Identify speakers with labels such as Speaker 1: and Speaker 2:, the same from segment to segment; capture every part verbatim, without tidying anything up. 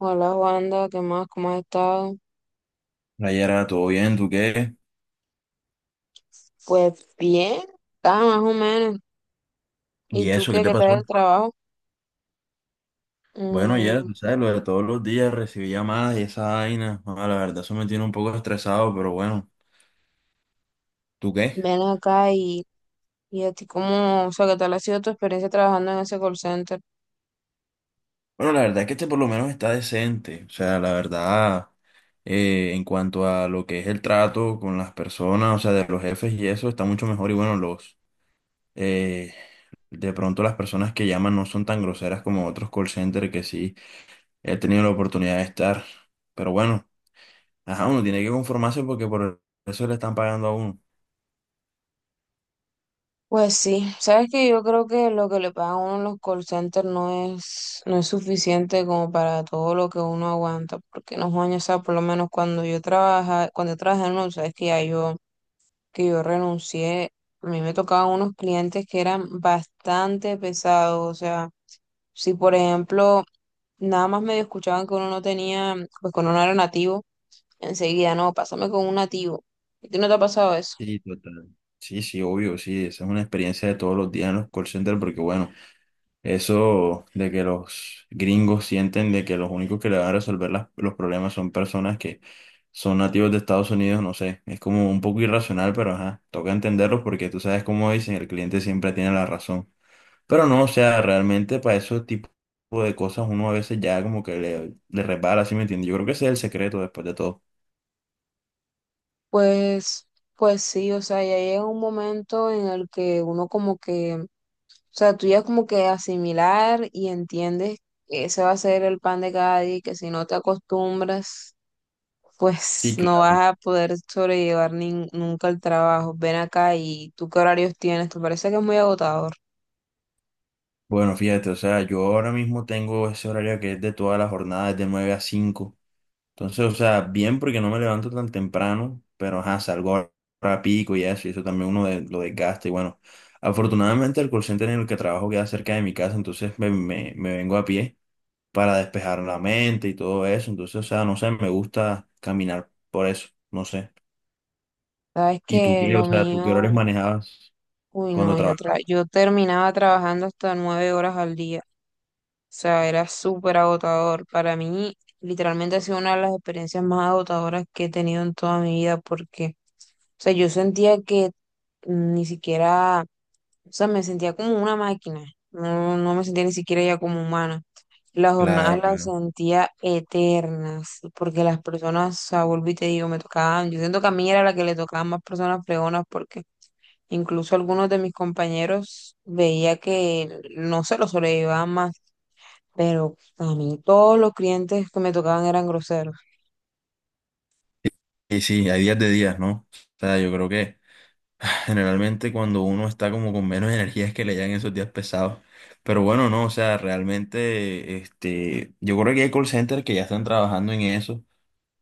Speaker 1: Hola Wanda, ¿qué más? ¿Cómo has estado?
Speaker 2: Hola, Yera, ¿todo bien? ¿Tú qué?
Speaker 1: Pues bien, está más o menos. ¿Y
Speaker 2: ¿Y
Speaker 1: tú
Speaker 2: eso qué
Speaker 1: qué?
Speaker 2: te
Speaker 1: ¿Qué tal el
Speaker 2: pasó?
Speaker 1: trabajo?
Speaker 2: Bueno, Yera,
Speaker 1: Mm,
Speaker 2: tú sabes, lo de todos los días recibí llamadas y esa vaina. Ah, la verdad, eso me tiene un poco estresado, pero bueno, ¿tú qué?
Speaker 1: ven acá y, y a ti cómo, o sea, ¿qué tal ha sido tu experiencia trabajando en ese call center?
Speaker 2: Bueno, la verdad es que este por lo menos está decente. O sea, la verdad, eh, en cuanto a lo que es el trato con las personas, o sea, de los jefes y eso, está mucho mejor. Y bueno, los, eh, de pronto las personas que llaman no son tan groseras como otros call centers que sí he tenido la oportunidad de estar. Pero bueno. Ajá, uno tiene que conformarse porque por eso le están pagando a uno.
Speaker 1: Pues sí, sabes que yo creo que lo que le pagan a uno en los call centers no es, no es suficiente como para todo lo que uno aguanta, porque no, Juan, o sea, por lo menos cuando yo trabaja, cuando yo trabajé en uno, sabes que ya yo que yo renuncié, a mí me tocaban unos clientes que eran bastante pesados, o sea, si por ejemplo nada más medio escuchaban que uno no tenía, pues que uno no era nativo, enseguida, no, pásame con un nativo. ¿Y tú no te ha pasado eso?
Speaker 2: Sí, total. Sí, sí, obvio, sí, esa es una experiencia de todos los días en los call centers porque bueno, eso de que los gringos sienten de que los únicos que le van a resolver las- los problemas son personas que son nativos de Estados Unidos, no sé, es como un poco irracional, pero ajá, toca entenderlos porque tú sabes cómo dicen, el cliente siempre tiene la razón. Pero no, o sea, realmente para esos tipos de cosas uno a veces ya como que le, le resbala, ¿sí me entiendes? Yo creo que ese es el secreto después de todo.
Speaker 1: Pues, pues sí, o sea, ya llega un momento en el que uno como que, o sea, tú ya como que asimilar y entiendes que ese va a ser el pan de cada día y que si no te acostumbras pues
Speaker 2: Sí,
Speaker 1: no
Speaker 2: claro.
Speaker 1: vas a poder sobrellevar nin- nunca el trabajo. Ven acá y tú qué horarios tienes, te parece que es muy agotador.
Speaker 2: Bueno, fíjate, o sea, yo ahora mismo tengo ese horario que es de toda la jornada, es de nueve a cinco. Entonces, o sea, bien porque no me levanto tan temprano, pero ajá, salgo rápido y eso, y eso también uno de- lo desgasta. Y bueno, afortunadamente el call center en el que trabajo queda cerca de mi casa, entonces me, me, me vengo a pie para despejar la mente y todo eso. Entonces, o sea, no sé, me gusta caminar por eso, no sé.
Speaker 1: Sabes
Speaker 2: ¿Y tú
Speaker 1: que
Speaker 2: qué? O
Speaker 1: lo
Speaker 2: sea, ¿tú qué
Speaker 1: mío,
Speaker 2: horarios manejabas
Speaker 1: uy
Speaker 2: cuando
Speaker 1: no, yo, tra-
Speaker 2: trabajabas?
Speaker 1: yo terminaba trabajando hasta nueve horas al día. O sea, era súper agotador. Para mí, literalmente ha sido una de las experiencias más agotadoras que he tenido en toda mi vida porque, o sea, yo sentía que ni siquiera, o sea, me sentía como una máquina. No, no me sentía ni siquiera ya como humana. Las jornadas
Speaker 2: Claro,
Speaker 1: las
Speaker 2: claro.
Speaker 1: sentía eternas, porque las personas, o sea, vuelvo y te digo, me tocaban, yo siento que a mí era la que le tocaban más personas fregonas, porque incluso algunos de mis compañeros veía que no se lo sobrellevaban más, pero a mí todos los clientes que me tocaban eran groseros.
Speaker 2: Y sí, hay días de días, ¿no? O sea, yo creo que generalmente cuando uno está como con menos energía es que le llegan esos días pesados. Pero bueno, no, o sea, realmente, este, yo creo que hay call centers que ya están trabajando en eso.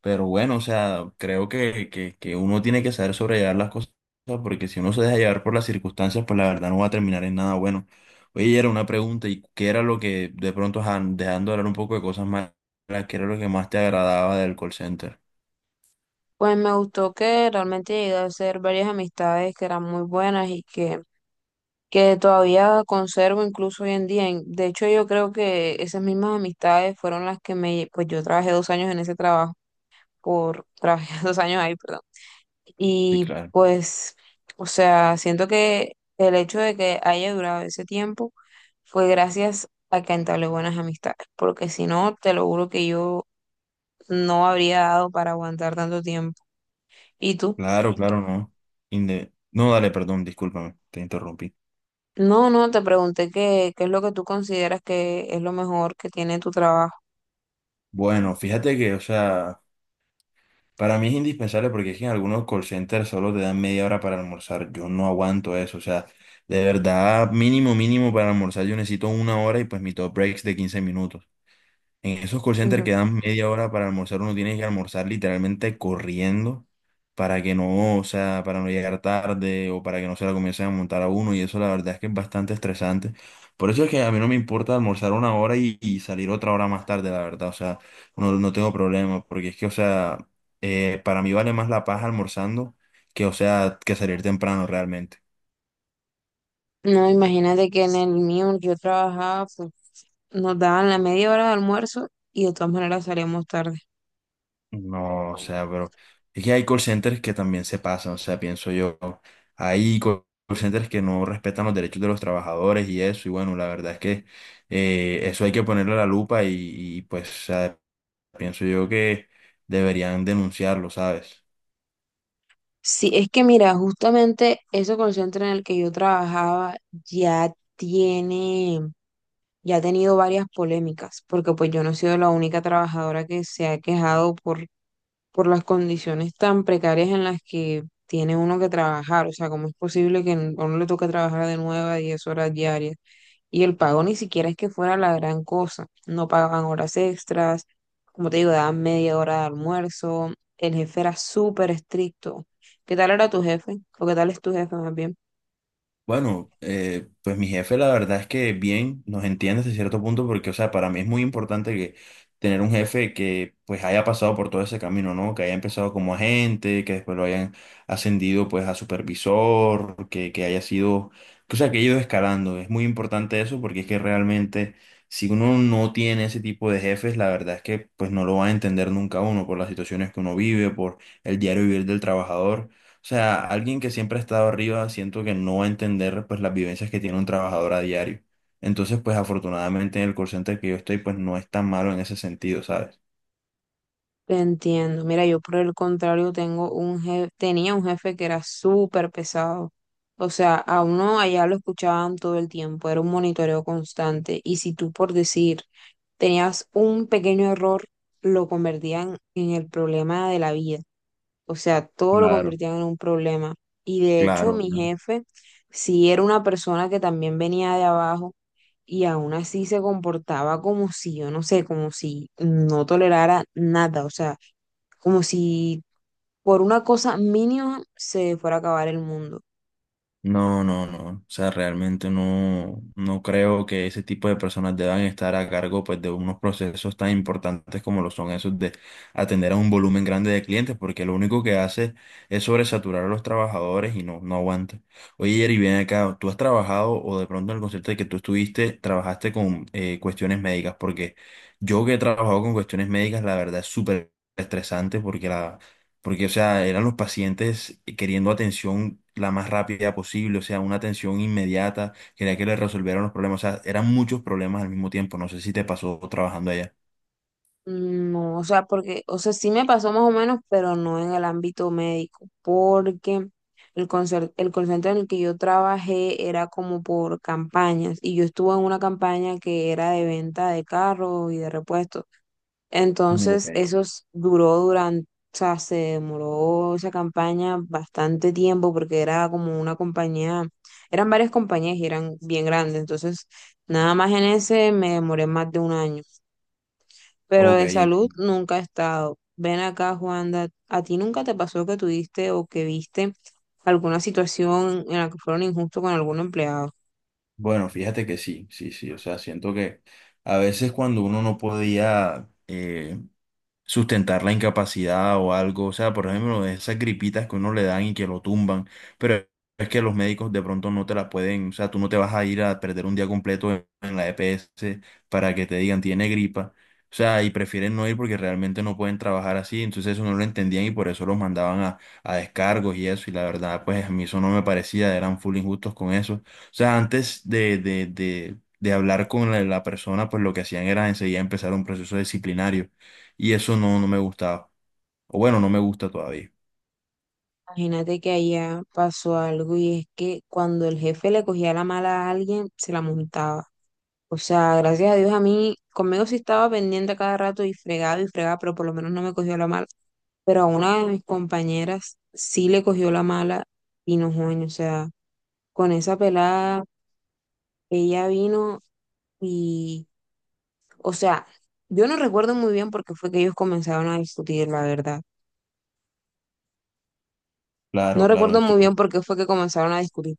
Speaker 2: Pero bueno, o sea, creo que, que, que uno tiene que saber sobrellevar las cosas porque si uno se deja llevar por las circunstancias, pues la verdad no va a terminar en nada bueno. Oye, era una pregunta, ¿y qué era lo que de pronto, ajá, dejando de hablar un poco de cosas malas, qué era lo que más te agradaba del call center?
Speaker 1: Pues me gustó que realmente llegué a hacer varias amistades que eran muy buenas y que que todavía conservo incluso hoy en día. En- De hecho, yo creo que esas mismas amistades fueron las que me, pues yo trabajé dos años en ese trabajo, por, trabajé dos años ahí, perdón.
Speaker 2: Sí,
Speaker 1: Y
Speaker 2: claro.
Speaker 1: pues, o sea, siento que el hecho de que haya durado ese tiempo fue gracias a que entablé buenas amistades, porque si no, te lo juro que yo no habría dado para aguantar tanto tiempo. ¿Y tú?
Speaker 2: Claro, claro, no. Inde- No, dale, perdón, discúlpame, te interrumpí.
Speaker 1: No, no, te pregunté qué, qué es lo que tú consideras que es lo mejor que tiene tu trabajo.
Speaker 2: Bueno, fíjate que, o sea, para mí es indispensable porque es que en algunos call centers solo te dan media hora para almorzar. Yo no aguanto eso, o sea, de verdad, mínimo, mínimo para almorzar yo necesito una hora y pues mi top breaks de quince minutos. En esos call centers
Speaker 1: Ujú.
Speaker 2: que dan media hora para almorzar, uno tiene que almorzar literalmente corriendo para que no, o sea, para no llegar tarde o para que no se la comiencen a montar a uno y eso la verdad es que es bastante estresante. Por eso es que a mí no me importa almorzar una hora y, y salir otra hora más tarde, la verdad, o sea, no, no tengo problema porque es que, o sea, eh, para mí vale más la paz almorzando que, o sea, que salir temprano realmente.
Speaker 1: No, imagínate que en el mío yo trabajaba, pues nos daban la media hora de almuerzo y de todas maneras salíamos tarde.
Speaker 2: No, o sea, pero es que hay call centers que también se pasan, o sea, pienso yo. Hay call centers que no respetan los derechos de los trabajadores y eso, y bueno, la verdad es que eh, eso hay que ponerle la lupa y, y, pues, o sea, pienso yo que deberían denunciarlo, ¿sabes?
Speaker 1: Sí, es que mira, justamente ese call center en el que yo trabajaba ya tiene, ya ha tenido varias polémicas, porque pues yo no he sido la única trabajadora que se ha quejado por, por las condiciones tan precarias en las que tiene uno que trabajar, o sea, ¿cómo es posible que a uno le toque trabajar de nueve a diez horas diarias? Y el pago ni siquiera es que fuera la gran cosa. No pagaban horas extras, como te digo, daban media hora de almuerzo. El jefe era súper estricto. ¿Qué tal era tu jefe? ¿O qué tal es tu jefe más bien?
Speaker 2: Bueno, eh, pues mi jefe la verdad es que bien nos entiende hasta cierto punto porque, o sea, para mí es muy importante que tener un jefe que pues haya pasado por todo ese camino, ¿no? Que haya empezado como agente, que después lo hayan ascendido pues a supervisor, que, que haya sido, que, o sea, que haya ido escalando. Es muy importante eso porque es que realmente si uno no tiene ese tipo de jefes, la verdad es que pues no lo va a entender nunca uno por las situaciones que uno vive, por el diario vivir del trabajador. O sea, alguien que siempre ha estado arriba, siento que no va a entender pues las vivencias que tiene un trabajador a diario. Entonces, pues afortunadamente en el call center que yo estoy, pues no es tan malo en ese sentido, ¿sabes?
Speaker 1: Te entiendo. Mira, yo por el contrario tengo un jefe, tenía un jefe que era súper pesado. O sea, a uno allá lo escuchaban todo el tiempo, era un monitoreo constante. Y si tú por decir tenías un pequeño error, lo convertían en el problema de la vida. O sea, todo lo
Speaker 2: Claro,
Speaker 1: convirtieron en un problema. Y de hecho,
Speaker 2: claro.
Speaker 1: mi jefe sí era una persona que también venía de abajo y aún así se comportaba como si, yo no sé, como si no tolerara nada. O sea, como si por una cosa mínima se fuera a acabar el mundo.
Speaker 2: No, no, no. O sea, realmente no, no creo que ese tipo de personas deban estar a cargo pues, de unos procesos tan importantes como lo son esos de atender a un volumen grande de clientes, porque lo único que hace es sobresaturar a los trabajadores y no, no aguanta. Oye, Jerry, ven acá, ¿tú has trabajado o de pronto en el concepto de que tú estuviste, trabajaste con eh, cuestiones médicas? Porque yo que he trabajado con cuestiones médicas, la verdad es súper estresante porque la porque, o sea, eran los pacientes queriendo atención la más rápida posible, o sea, una atención inmediata, quería que les resolvieran los problemas, o sea, eran muchos problemas al mismo tiempo, no sé si te pasó trabajando allá.
Speaker 1: No, o sea, porque, o sea, sí me pasó más o menos, pero no en el ámbito médico, porque el concer- el call center en el que yo trabajé era como por campañas y yo estuve en una campaña que era de venta de carros y de repuestos.
Speaker 2: Mm,
Speaker 1: Entonces,
Speaker 2: ok.
Speaker 1: eso s- duró durante, o sea, se demoró esa campaña bastante tiempo porque era como una compañía, eran varias compañías y eran bien grandes, entonces, nada más en ese me demoré más de un año pero
Speaker 2: Ok,
Speaker 1: de
Speaker 2: en-
Speaker 1: salud nunca he estado. Ven acá, Juanda, ¿a ti nunca te pasó que tuviste o que viste alguna situación en la que fueron injustos con algún empleado?
Speaker 2: bueno, fíjate que sí, sí, sí, o sea, siento que a veces cuando uno no podía sustentar la incapacidad o algo. O sea, por ejemplo, esas gripitas que uno le dan y que lo tumban, pero es que los médicos de pronto no te la pueden, o sea, tú no te vas a ir a perder un día completo en, en la E P S para que te digan tiene gripa. O sea, y prefieren no ir porque realmente no pueden trabajar así, entonces eso no lo entendían y por eso los mandaban a, a descargos y eso, y la verdad, pues a mí eso no me parecía, eran full injustos con eso. O sea, antes de, de, de, de hablar con la, la persona, pues lo que hacían era enseguida empezar un proceso disciplinario. Y eso no, no me gustaba. O bueno, no me gusta todavía.
Speaker 1: Imagínate que allá pasó algo y es que cuando el jefe le cogía la mala a alguien, se la montaba. O sea, gracias a Dios a mí, conmigo sí estaba pendiente a cada rato y fregaba y fregaba, pero por lo menos no me cogió la mala. Pero a una de mis compañeras sí le cogió la mala y no, joven, o sea, con esa pelada, ella vino y, o sea, yo no recuerdo muy bien por qué fue que ellos comenzaron a discutir, la verdad. No
Speaker 2: Claro, claro,
Speaker 1: recuerdo muy bien
Speaker 2: entiendo.
Speaker 1: por qué fue que comenzaron a discutir.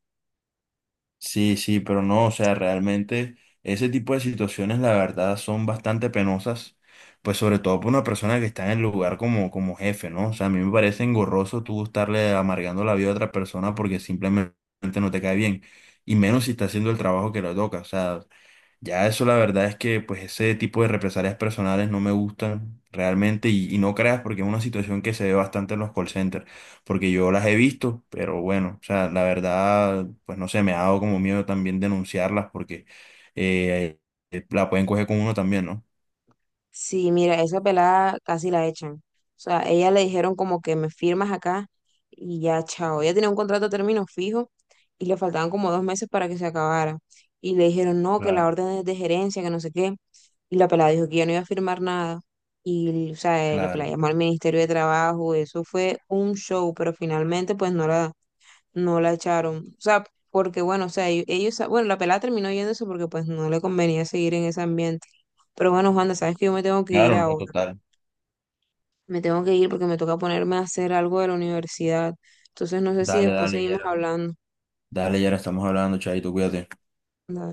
Speaker 2: Sí, sí, pero no, o sea, realmente ese tipo de situaciones, la verdad, son bastante penosas, pues sobre todo para una persona que está en el lugar como, como jefe, ¿no? O sea, a mí me parece engorroso tú estarle amargando la vida a otra persona porque simplemente no te cae bien, y menos si está haciendo el trabajo que le toca, o sea, ya eso la verdad es que pues ese tipo de represalias personales no me gustan realmente y, y no creas porque es una situación que se ve bastante en los call centers, porque yo las he visto, pero bueno, o sea, la verdad pues no sé, me ha dado como miedo también denunciarlas porque eh, eh, la pueden coger con uno también, ¿no?
Speaker 1: Sí, mira, esa pelada casi la echan. O sea, ella le dijeron como que me firmas acá y ya, chao. Ella tenía un contrato a término fijo y le faltaban como dos meses para que se acabara. Y le dijeron, no, que la
Speaker 2: Claro,
Speaker 1: orden es de gerencia, que no sé qué. Y la pelada dijo que ya no iba a firmar nada. Y, o sea, eh, la pelada
Speaker 2: claro,
Speaker 1: llamó al Ministerio de Trabajo. Eso fue un show, pero finalmente pues no la no la echaron. O sea, porque bueno, o sea, ellos, ellos- bueno, la pelada terminó yéndose porque pues no le convenía seguir en ese ambiente. Pero bueno, Juanda, sabes que yo me tengo que ir
Speaker 2: claro, no,
Speaker 1: ahora.
Speaker 2: total.
Speaker 1: Me tengo que ir porque me toca ponerme a hacer algo de la universidad. Entonces no sé si
Speaker 2: Dale,
Speaker 1: después
Speaker 2: dale,
Speaker 1: seguimos
Speaker 2: Yera.
Speaker 1: hablando.
Speaker 2: Dale, Yera, estamos hablando, Chaito, cuídate.
Speaker 1: Dale.